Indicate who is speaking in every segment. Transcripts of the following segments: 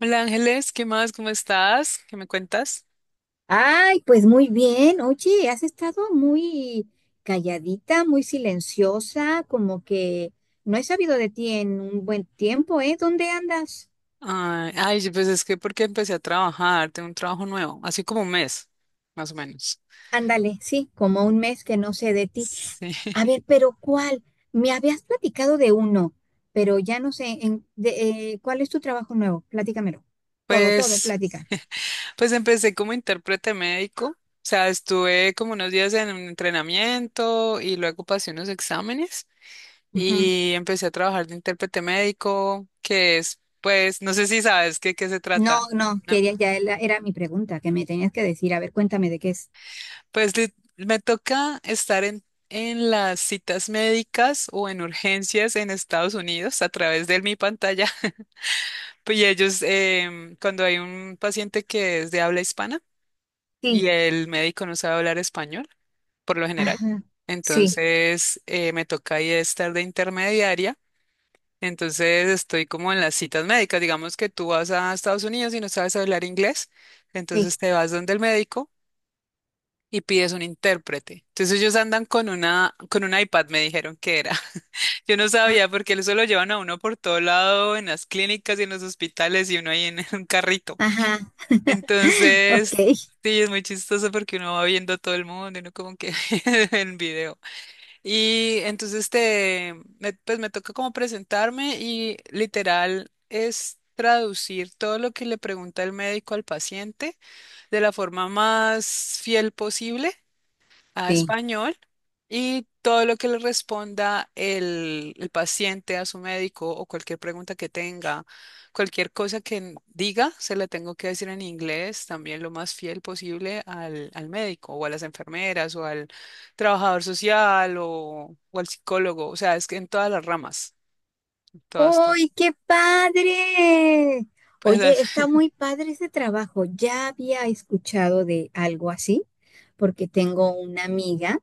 Speaker 1: Hola Ángeles, ¿qué más? ¿Cómo estás? ¿Qué me cuentas?
Speaker 2: Ay, pues muy bien. Oye, has estado muy calladita, muy silenciosa, como que no he sabido de ti en un buen tiempo, ¿eh? ¿Dónde andas?
Speaker 1: Ay, ay, sí, pues es que porque empecé a trabajar, tengo un trabajo nuevo, así como un mes, más o menos.
Speaker 2: Ándale, sí, como un mes que no sé de ti.
Speaker 1: Sí.
Speaker 2: A ver, pero ¿cuál? Me habías platicado de uno, pero ya no sé ¿cuál es tu trabajo nuevo? Platícamelo. Todo, todo,
Speaker 1: Pues,
Speaker 2: plática.
Speaker 1: pues empecé como intérprete médico, o sea, estuve como unos días en un entrenamiento y luego pasé unos exámenes
Speaker 2: Ujú.
Speaker 1: y empecé a trabajar de intérprete médico, que es, pues, no sé si sabes qué se trata,
Speaker 2: No, no,
Speaker 1: ¿no?
Speaker 2: era mi pregunta que me tenías que decir. A ver, cuéntame de qué es.
Speaker 1: Pues me toca estar en las citas médicas o en urgencias en Estados Unidos a través de mi pantalla. Pues, y ellos, cuando hay un paciente que es de habla hispana y
Speaker 2: Sí,
Speaker 1: el médico no sabe hablar español, por lo general,
Speaker 2: ajá, sí,
Speaker 1: entonces me toca ahí estar de intermediaria. Entonces estoy como en las citas médicas. Digamos que tú vas a Estados Unidos y no sabes hablar inglés,
Speaker 2: sí.
Speaker 1: entonces te vas donde el médico, y pides un intérprete. Entonces ellos andan con una, con un iPad, me dijeron que era. Yo no sabía porque eso lo llevan a uno por todo lado, en las clínicas y en los hospitales y uno ahí en un carrito.
Speaker 2: Ajá,
Speaker 1: Entonces,
Speaker 2: ok.
Speaker 1: sí, es muy chistoso porque uno va viendo a todo el mundo y uno como que en video. Y entonces pues me toca como presentarme y literal es traducir todo lo que le pregunta el médico al paciente de la forma más fiel posible a
Speaker 2: Sí.
Speaker 1: español y todo lo que le responda el paciente a su médico o cualquier pregunta que tenga, cualquier cosa que diga, se la tengo que decir en inglés, también lo más fiel posible al médico o a las enfermeras o al trabajador social o al psicólogo, o sea, es que en todas las ramas, en todas, todas.
Speaker 2: ¡Uy, qué padre!
Speaker 1: Pues
Speaker 2: Oye,
Speaker 1: las,
Speaker 2: está muy padre ese trabajo. Ya había escuchado de algo así, porque tengo una amiga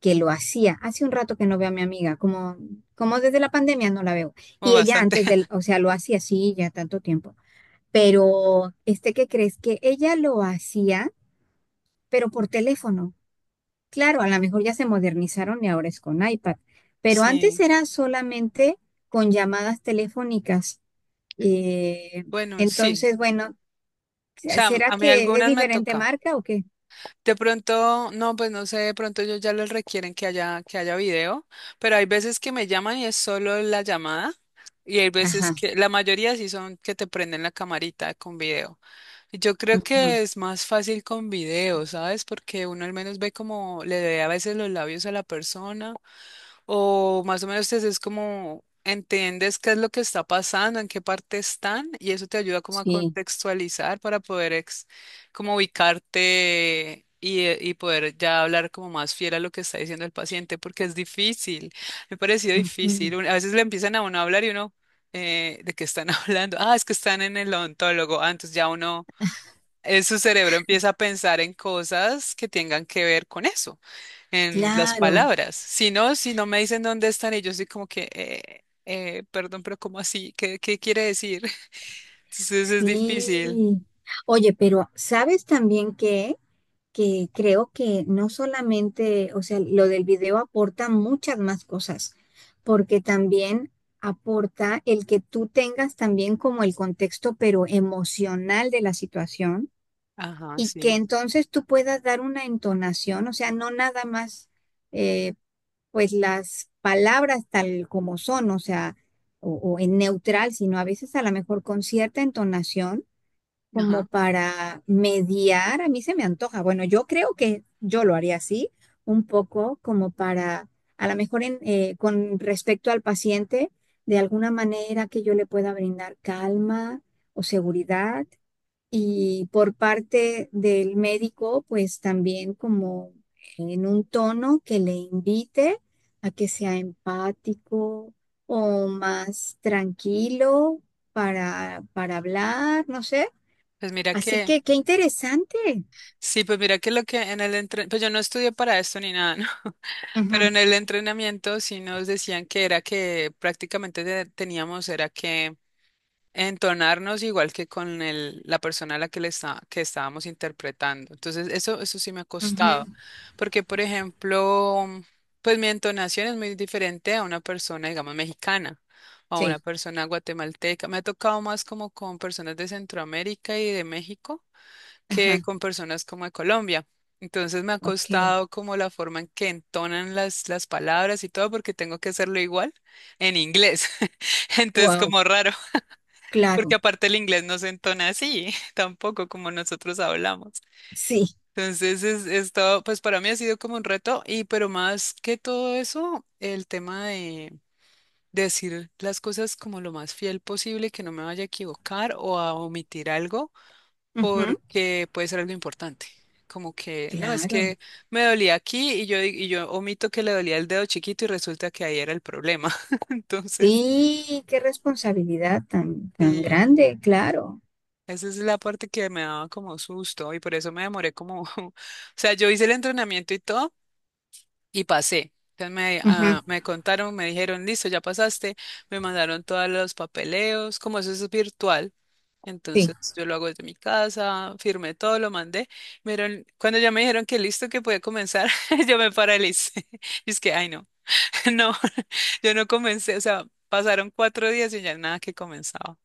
Speaker 2: que lo hacía. Hace un rato que no veo a mi amiga, como desde la pandemia no la veo.
Speaker 1: o
Speaker 2: Y ella
Speaker 1: bastante,
Speaker 2: antes o sea, lo hacía así ya tanto tiempo. Pero, ¿qué crees? Que ella lo hacía, pero por teléfono. Claro, a lo mejor ya se modernizaron y ahora es con iPad, pero antes
Speaker 1: sí,
Speaker 2: era solamente con llamadas telefónicas. Eh,
Speaker 1: bueno, sí,
Speaker 2: entonces, bueno,
Speaker 1: o sea,
Speaker 2: ¿será
Speaker 1: a mí
Speaker 2: que es
Speaker 1: algunas me
Speaker 2: diferente
Speaker 1: toca.
Speaker 2: marca o qué?
Speaker 1: De pronto, no, pues no sé, de pronto ellos ya les requieren que haya video, pero hay veces que me llaman y es solo la llamada, y hay veces
Speaker 2: Ajá,
Speaker 1: que, la mayoría sí son que te prenden la camarita con video. Y yo creo
Speaker 2: ujú,
Speaker 1: que es más fácil con video, ¿sabes? Porque uno al menos ve como le ve a veces los labios a la persona o más o menos te es como entiendes qué es lo que está pasando, en qué parte están, y eso te ayuda como a
Speaker 2: sí,
Speaker 1: contextualizar para poder como ubicarte y poder ya hablar como más fiel a lo que está diciendo el paciente, porque es difícil, me ha parecido
Speaker 2: ujú,
Speaker 1: difícil. A veces le empiezan a uno a hablar y uno, ¿de qué están hablando? Ah, es que están en el odontólogo. Ah, entonces ya uno, su cerebro empieza a pensar en cosas que tengan que ver con eso en las
Speaker 2: claro,
Speaker 1: palabras. Si no, si no me dicen dónde están, y yo soy como que, perdón, pero ¿cómo así? ¿Qué quiere decir? Entonces es difícil.
Speaker 2: sí. Oye, pero ¿sabes también qué? Que creo que no solamente, o sea, lo del video aporta muchas más cosas, porque también aporta el que tú tengas también como el contexto, pero emocional de la situación,
Speaker 1: Ajá,
Speaker 2: y que
Speaker 1: sí.
Speaker 2: entonces tú puedas dar una entonación, o sea, no nada más, eh, pues las palabras tal como son, o sea, o en neutral, sino a veces a lo mejor con cierta entonación como
Speaker 1: Ajá.
Speaker 2: para mediar, a mí se me antoja. Bueno, yo creo que yo lo haría así, un poco como para, a lo mejor con respecto al paciente, de alguna manera que yo le pueda brindar calma o seguridad. Y por parte del médico, pues también como en un tono que le invite a que sea empático o más tranquilo para hablar, no sé.
Speaker 1: Pues mira
Speaker 2: Así
Speaker 1: que,
Speaker 2: que qué interesante.
Speaker 1: sí, pues mira que lo que en el entrenamiento, pues yo no estudié para esto ni nada, ¿no? Pero
Speaker 2: Ujú,
Speaker 1: en el entrenamiento sí nos decían que era que prácticamente teníamos, era que entonarnos igual que con el, la persona a la que le está, que estábamos interpretando. Entonces, eso sí me ha
Speaker 2: ujú,
Speaker 1: costado, porque, por ejemplo, pues mi entonación es muy diferente a una persona, digamos, mexicana o a una
Speaker 2: sí,
Speaker 1: persona guatemalteca. Me ha tocado más como con personas de Centroamérica y de México que
Speaker 2: ajá,
Speaker 1: con personas como de Colombia. Entonces me ha
Speaker 2: ok.
Speaker 1: costado como la forma en que entonan las palabras y todo porque tengo que hacerlo igual en inglés. Entonces
Speaker 2: Wow,
Speaker 1: como raro. Porque
Speaker 2: claro,
Speaker 1: aparte el inglés no se entona así, tampoco como nosotros hablamos.
Speaker 2: sí,
Speaker 1: Entonces, es todo, pues para mí ha sido como un reto, y pero más que todo eso, el tema de decir las cosas como lo más fiel posible, que no me vaya a equivocar o a omitir algo,
Speaker 2: ujú,
Speaker 1: porque puede ser algo importante. Como que, no, es
Speaker 2: claro.
Speaker 1: que me dolía aquí y yo omito que le dolía el dedo chiquito y resulta que ahí era el problema. Entonces,
Speaker 2: Sí, qué responsabilidad tan, tan grande,
Speaker 1: sí.
Speaker 2: claro.
Speaker 1: Esa es la parte que me daba como susto y por eso me demoré como, o sea, yo hice el entrenamiento y todo y pasé. Entonces me,
Speaker 2: Ujú,
Speaker 1: ah, me contaron, me dijeron, listo, ya pasaste, me mandaron todos los papeleos, como eso es virtual.
Speaker 2: sí,
Speaker 1: Entonces yo lo hago desde mi casa, firmé todo, lo mandé. Cuando ya me dijeron que listo, que podía comenzar, yo me paralicé. Y es que, ay no, no, yo no comencé, o sea, pasaron 4 días y ya nada que comenzaba.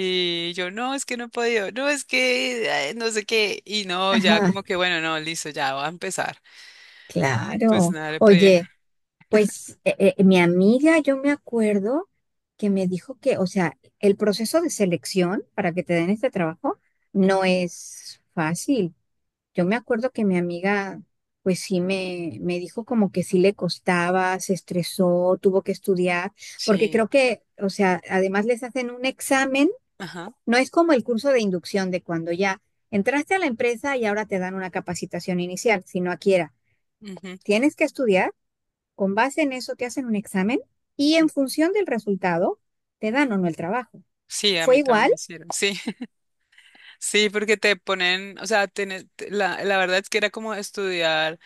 Speaker 1: Y yo, no, es que no he podido, no, es que no sé qué. Y no, ya
Speaker 2: ajá,
Speaker 1: como que, bueno, no, listo, ya va a empezar. Pues
Speaker 2: claro.
Speaker 1: nada, le pedí.
Speaker 2: Oye, pues mi amiga, yo me acuerdo que me dijo que, o sea, el proceso de selección para que te den este trabajo no
Speaker 1: Ujú,
Speaker 2: es fácil. Yo me acuerdo que mi amiga, pues sí me dijo como que sí le costaba, se estresó, tuvo que estudiar, porque
Speaker 1: sí,
Speaker 2: creo que, o sea, además les hacen un examen,
Speaker 1: ajá.
Speaker 2: no es como el curso de inducción de cuando ya entraste a la empresa y ahora te dan una capacitación inicial, sino aquí era,
Speaker 1: Ujú.
Speaker 2: tienes que estudiar, con base en eso te hacen un examen y en función del resultado te dan o no el trabajo.
Speaker 1: Sí, a
Speaker 2: ¿Fue
Speaker 1: mí también
Speaker 2: igual?
Speaker 1: me hicieron. Sí. Sí, porque te ponen, o sea, la verdad es que era como estudiar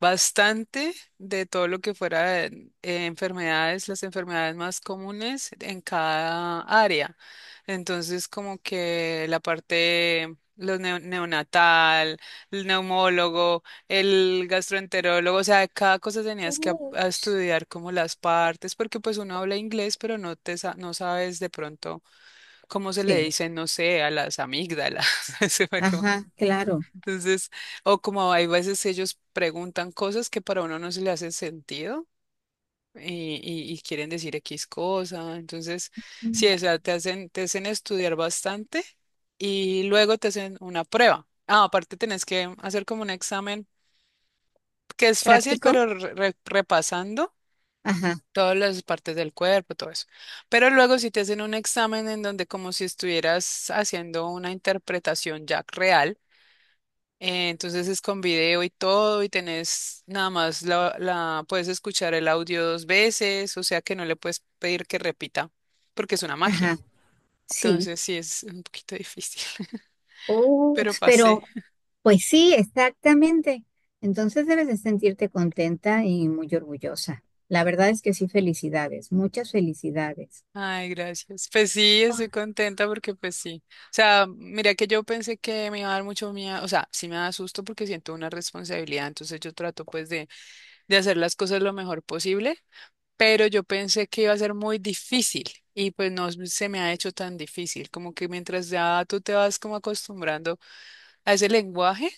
Speaker 1: bastante de todo lo que fuera enfermedades, las enfermedades más comunes en cada área. Entonces, como que la parte, los neonatal, el neumólogo, el gastroenterólogo, o sea, de cada cosa tenías que a
Speaker 2: Uch,
Speaker 1: estudiar como las partes, porque pues uno habla inglés, pero no sabes de pronto. ¿Cómo se le
Speaker 2: sí,
Speaker 1: dice? No sé, a las amígdalas. Se me acabó.
Speaker 2: ajá, claro.
Speaker 1: Entonces, o como hay veces ellos preguntan cosas que para uno no se le hace sentido y quieren decir X cosa. Entonces, sí,
Speaker 2: Mm.
Speaker 1: o sea, te hacen estudiar bastante y luego te hacen una prueba. Ah, aparte tenés que hacer como un examen que es fácil,
Speaker 2: ¿Práctico?
Speaker 1: pero repasando.
Speaker 2: Ajá,
Speaker 1: Todas las partes del cuerpo, todo eso. Pero luego si te hacen un examen en donde como si estuvieras haciendo una interpretación ya real, entonces es con video y todo y tenés nada más la puedes escuchar el audio 2 veces, o sea que no le puedes pedir que repita porque es una máquina.
Speaker 2: ajá. Sí,
Speaker 1: Entonces sí es un poquito difícil, pero
Speaker 2: ups,
Speaker 1: pasé.
Speaker 2: pero pues sí, exactamente. Entonces debes de sentirte contenta y muy orgullosa. La verdad es que sí, felicidades, muchas felicidades.
Speaker 1: Ay, gracias. Pues sí, estoy
Speaker 2: Ah,
Speaker 1: contenta porque pues sí. O sea, mira que yo pensé que me iba a dar mucho miedo, o sea, sí me da susto porque siento una responsabilidad, entonces yo trato pues de hacer las cosas lo mejor posible, pero yo pensé que iba a ser muy difícil y pues no se me ha hecho tan difícil, como que mientras ya tú te vas como acostumbrando a ese lenguaje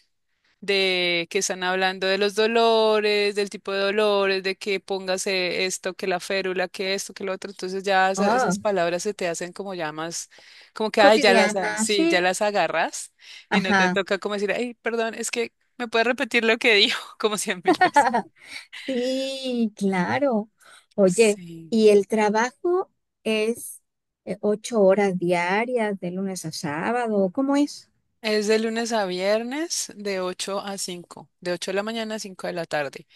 Speaker 1: de que están hablando de los dolores, del tipo de dolores, de que póngase esto, que la férula, que esto, que lo otro. Entonces ya
Speaker 2: ah,
Speaker 1: esas palabras se te hacen como ya más, como que, ay, ya las,
Speaker 2: cotidiana,
Speaker 1: sí, ya
Speaker 2: sí.
Speaker 1: las agarras y no te
Speaker 2: Ajá,
Speaker 1: toca como decir, ay, perdón, es que me puedes repetir lo que dijo como cien mil veces.
Speaker 2: sí, claro. Oye,
Speaker 1: Sí.
Speaker 2: ¿y el trabajo es 8 horas diarias de lunes a sábado? ¿Cómo es?
Speaker 1: Es de lunes a viernes de 8 a 5, de 8 de la mañana a 5 de la tarde.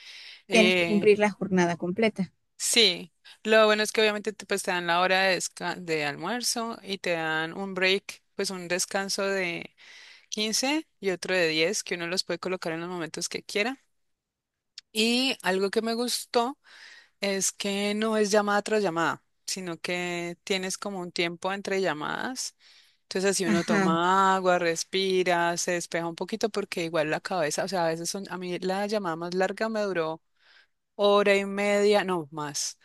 Speaker 2: Tienes que cumplir la jornada completa.
Speaker 1: Sí, lo bueno es que obviamente te, pues, te dan la hora de almuerzo y te dan un break, pues un descanso de 15 y otro de 10 que uno los puede colocar en los momentos que quiera. Y algo que me gustó es que no es llamada tras llamada, sino que tienes como un tiempo entre llamadas. Entonces así uno
Speaker 2: Ajá.
Speaker 1: toma agua, respira, se despeja un poquito porque igual la cabeza, o sea, a veces son, a mí la llamada más larga me duró hora y media, no más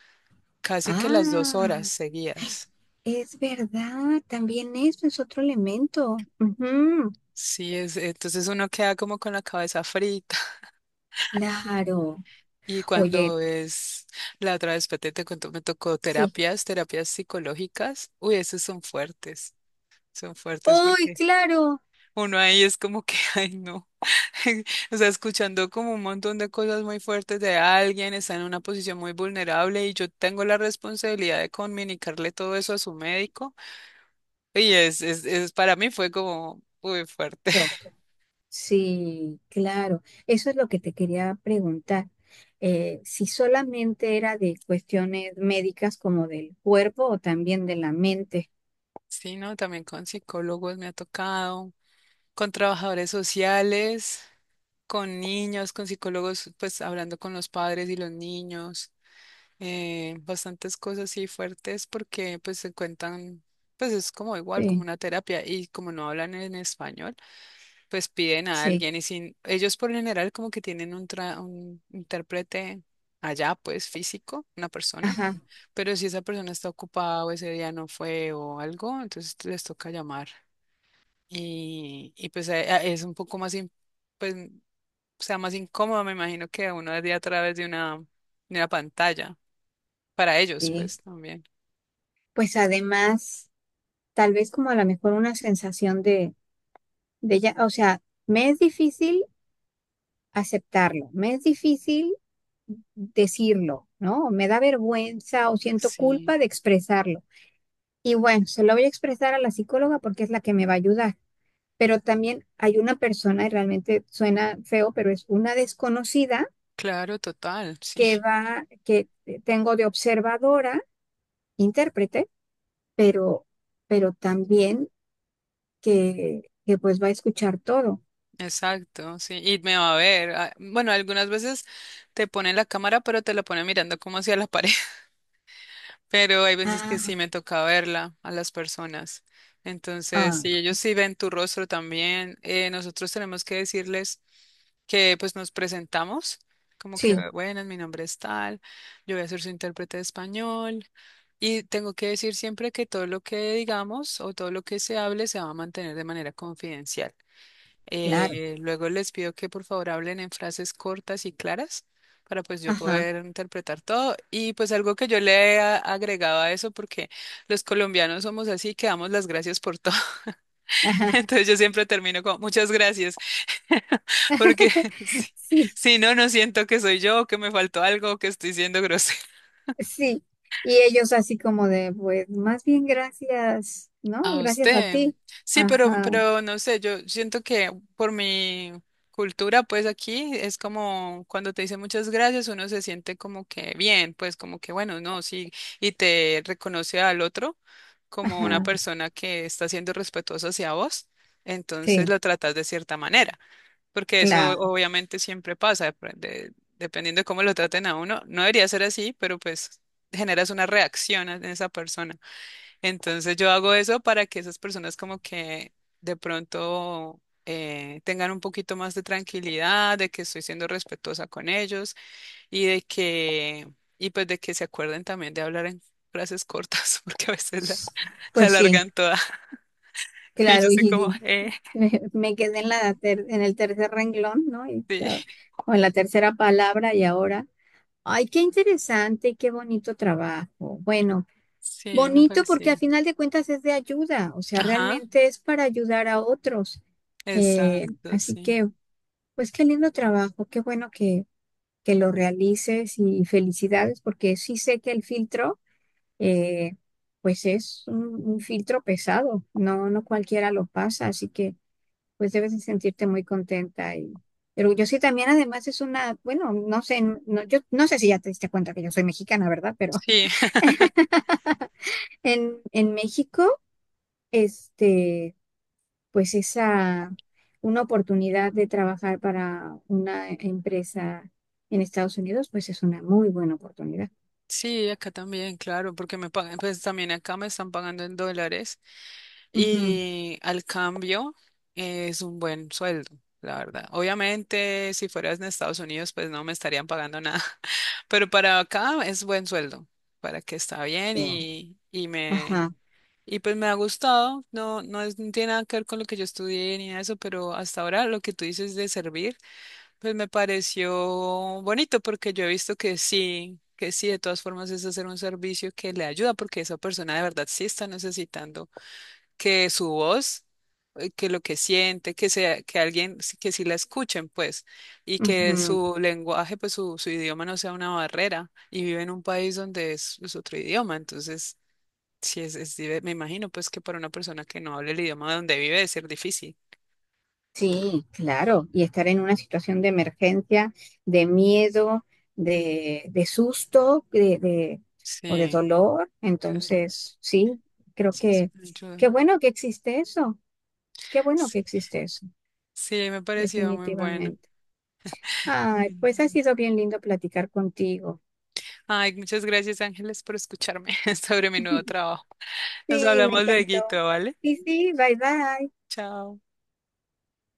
Speaker 1: casi que las dos
Speaker 2: Ah,
Speaker 1: horas seguidas.
Speaker 2: es verdad, también eso es otro elemento. Ujú,
Speaker 1: Sí, entonces uno queda como con la cabeza frita.
Speaker 2: claro.
Speaker 1: Y
Speaker 2: Oye,
Speaker 1: cuando es la otra vez, Pete, te contó me tocó
Speaker 2: sí.
Speaker 1: terapias, terapias psicológicas. Uy, esos son fuertes
Speaker 2: ¡Ay,
Speaker 1: porque
Speaker 2: claro!
Speaker 1: uno ahí es como que, ay, no. O sea, escuchando como un montón de cosas muy fuertes de alguien, está en una posición muy vulnerable y yo tengo la responsabilidad de comunicarle todo eso a su médico. Y es para mí fue como muy fuerte.
Speaker 2: Rock. Sí, claro. Eso es lo que te quería preguntar. Si solamente era de cuestiones médicas como del cuerpo o también de la mente.
Speaker 1: Sí, no, también con psicólogos me ha tocado, con trabajadores sociales, con niños, con psicólogos, pues hablando con los padres y los niños, bastantes cosas así fuertes porque pues se cuentan, pues es como igual, como
Speaker 2: Sí,
Speaker 1: una terapia y como no hablan en español, pues piden a
Speaker 2: sí,
Speaker 1: alguien y sin, ellos por lo general como que tienen un intérprete allá, pues físico, una persona,
Speaker 2: ajá,
Speaker 1: pero si esa persona está ocupada o ese día no fue o algo, entonces les toca llamar. Y pues es un poco más, pues, mm, más incómodo, me imagino, que uno de a través de una pantalla. Para ellos,
Speaker 2: sí.
Speaker 1: pues también.
Speaker 2: Pues además, tal vez como a lo mejor una sensación de, ya, o sea, me es difícil aceptarlo, me es difícil decirlo, ¿no? O me da vergüenza o siento
Speaker 1: Sí,
Speaker 2: culpa de expresarlo. Y bueno, se lo voy a expresar a la psicóloga porque es la que me va a ayudar. Pero también hay una persona, y realmente suena feo, pero es una desconocida
Speaker 1: claro, total, sí,
Speaker 2: que tengo de observadora, intérprete, pero, pero también que pues va a escuchar todo.
Speaker 1: exacto, sí. Y me va a ver. Bueno, algunas veces te ponen la cámara, pero te la ponen mirando como hacia la pared. Pero hay veces que
Speaker 2: Ah,
Speaker 1: sí me toca verla a las personas. Entonces, si
Speaker 2: ah,
Speaker 1: ellos sí ven tu rostro también, nosotros tenemos que decirles que pues nos presentamos, como
Speaker 2: sí,
Speaker 1: que, bueno, mi nombre es tal, yo voy a ser su intérprete de español. Y tengo que decir siempre que todo lo que digamos o todo lo que se hable se va a mantener de manera confidencial.
Speaker 2: claro.
Speaker 1: Luego les pido que por favor hablen en frases cortas y claras para pues yo
Speaker 2: Ajá,
Speaker 1: poder interpretar todo. Y pues algo que yo agregaba a eso, porque los colombianos somos así, que damos las gracias por todo.
Speaker 2: ajá.
Speaker 1: Entonces yo siempre termino con muchas gracias, porque si,
Speaker 2: Sí,
Speaker 1: si no, no siento que soy yo, que me faltó algo, que estoy siendo grosero.
Speaker 2: sí. Y ellos así como de, pues, más bien gracias, ¿no?
Speaker 1: A
Speaker 2: Gracias a
Speaker 1: usted.
Speaker 2: ti.
Speaker 1: Sí, pero,
Speaker 2: Ajá,
Speaker 1: pero no sé, yo siento que por mi cultura, pues aquí es como cuando te dicen muchas gracias, uno se siente como que bien, pues como que bueno, no, sí, y te reconoce al otro como una
Speaker 2: ajá,
Speaker 1: persona que está siendo respetuosa hacia vos, entonces
Speaker 2: sí,
Speaker 1: lo tratas de cierta manera, porque eso
Speaker 2: claro.
Speaker 1: obviamente siempre pasa, dependiendo de cómo lo traten a uno, no debería ser así, pero pues generas una reacción en esa persona. Entonces yo hago eso para que esas personas como que de pronto tengan un poquito más de tranquilidad, de que estoy siendo respetuosa con ellos y de que, y pues de que se acuerden también de hablar en frases cortas, porque a veces la
Speaker 2: Pues sí,
Speaker 1: alargan toda. Y yo
Speaker 2: claro.
Speaker 1: soy
Speaker 2: Y
Speaker 1: como,
Speaker 2: y me quedé en la en el tercer renglón, ¿no? Y
Speaker 1: sí,
Speaker 2: o en la tercera palabra y ahora. Ay, qué interesante y qué bonito trabajo. Bueno,
Speaker 1: sí, me
Speaker 2: bonito porque al
Speaker 1: pareció.
Speaker 2: final de cuentas es de ayuda, o sea,
Speaker 1: Ajá,
Speaker 2: realmente es para ayudar a otros. Eh,
Speaker 1: exacto,
Speaker 2: así
Speaker 1: sí.
Speaker 2: que, pues qué lindo trabajo, qué bueno que lo realices y felicidades, porque sí sé que el filtro, eh, pues es un filtro pesado, no, no cualquiera lo pasa, así que pues debes de sentirte muy contenta y orgullosa. Y también además es una, bueno, no sé, no, yo no sé si ya te diste cuenta que yo soy mexicana, ¿verdad? Pero
Speaker 1: Sí,
Speaker 2: en México, este, pues una oportunidad de trabajar para una empresa en Estados Unidos, pues es una muy buena oportunidad.
Speaker 1: sí, acá también, claro, porque me pagan, pues también acá me están pagando en dólares.
Speaker 2: Ujú.
Speaker 1: Y al cambio es un buen sueldo, la verdad. Obviamente, si fueras en Estados Unidos, pues no me estarían pagando nada, pero para acá es buen sueldo, para que está bien
Speaker 2: Ajá,
Speaker 1: y pues me ha gustado. No tiene nada que ver con lo que yo estudié ni nada de eso, pero hasta ahora lo que tú dices de servir, pues me pareció bonito porque yo he visto que sí. Que sí, de todas formas es hacer un servicio que le ayuda porque esa persona de verdad sí está necesitando que su voz, que lo que siente, que sea, que alguien, que sí la escuchen, pues, y que
Speaker 2: ujú,
Speaker 1: su lenguaje, su idioma no sea una barrera, y vive en un país donde es otro idioma, entonces, sí es, me imagino, pues, que para una persona que no hable el idioma donde vive debe ser difícil.
Speaker 2: sí, claro. Y estar en una situación de emergencia, de miedo, de, susto, o de
Speaker 1: Sí,
Speaker 2: dolor.
Speaker 1: claro,
Speaker 2: Entonces, sí, creo
Speaker 1: sí, es
Speaker 2: que
Speaker 1: una ayuda.
Speaker 2: qué bueno que existe eso. Qué bueno que
Speaker 1: Sí,
Speaker 2: existe eso,
Speaker 1: sí, me pareció muy bueno.
Speaker 2: definitivamente. Ay,
Speaker 1: Bueno.
Speaker 2: pues ha sido bien lindo platicar contigo.
Speaker 1: Ay, muchas gracias, Ángeles, por escucharme sobre mi nuevo trabajo. Nos
Speaker 2: Sí, me
Speaker 1: hablamos
Speaker 2: encantó.
Speaker 1: luego, ¿vale?
Speaker 2: Y sí, bye bye.
Speaker 1: Chao.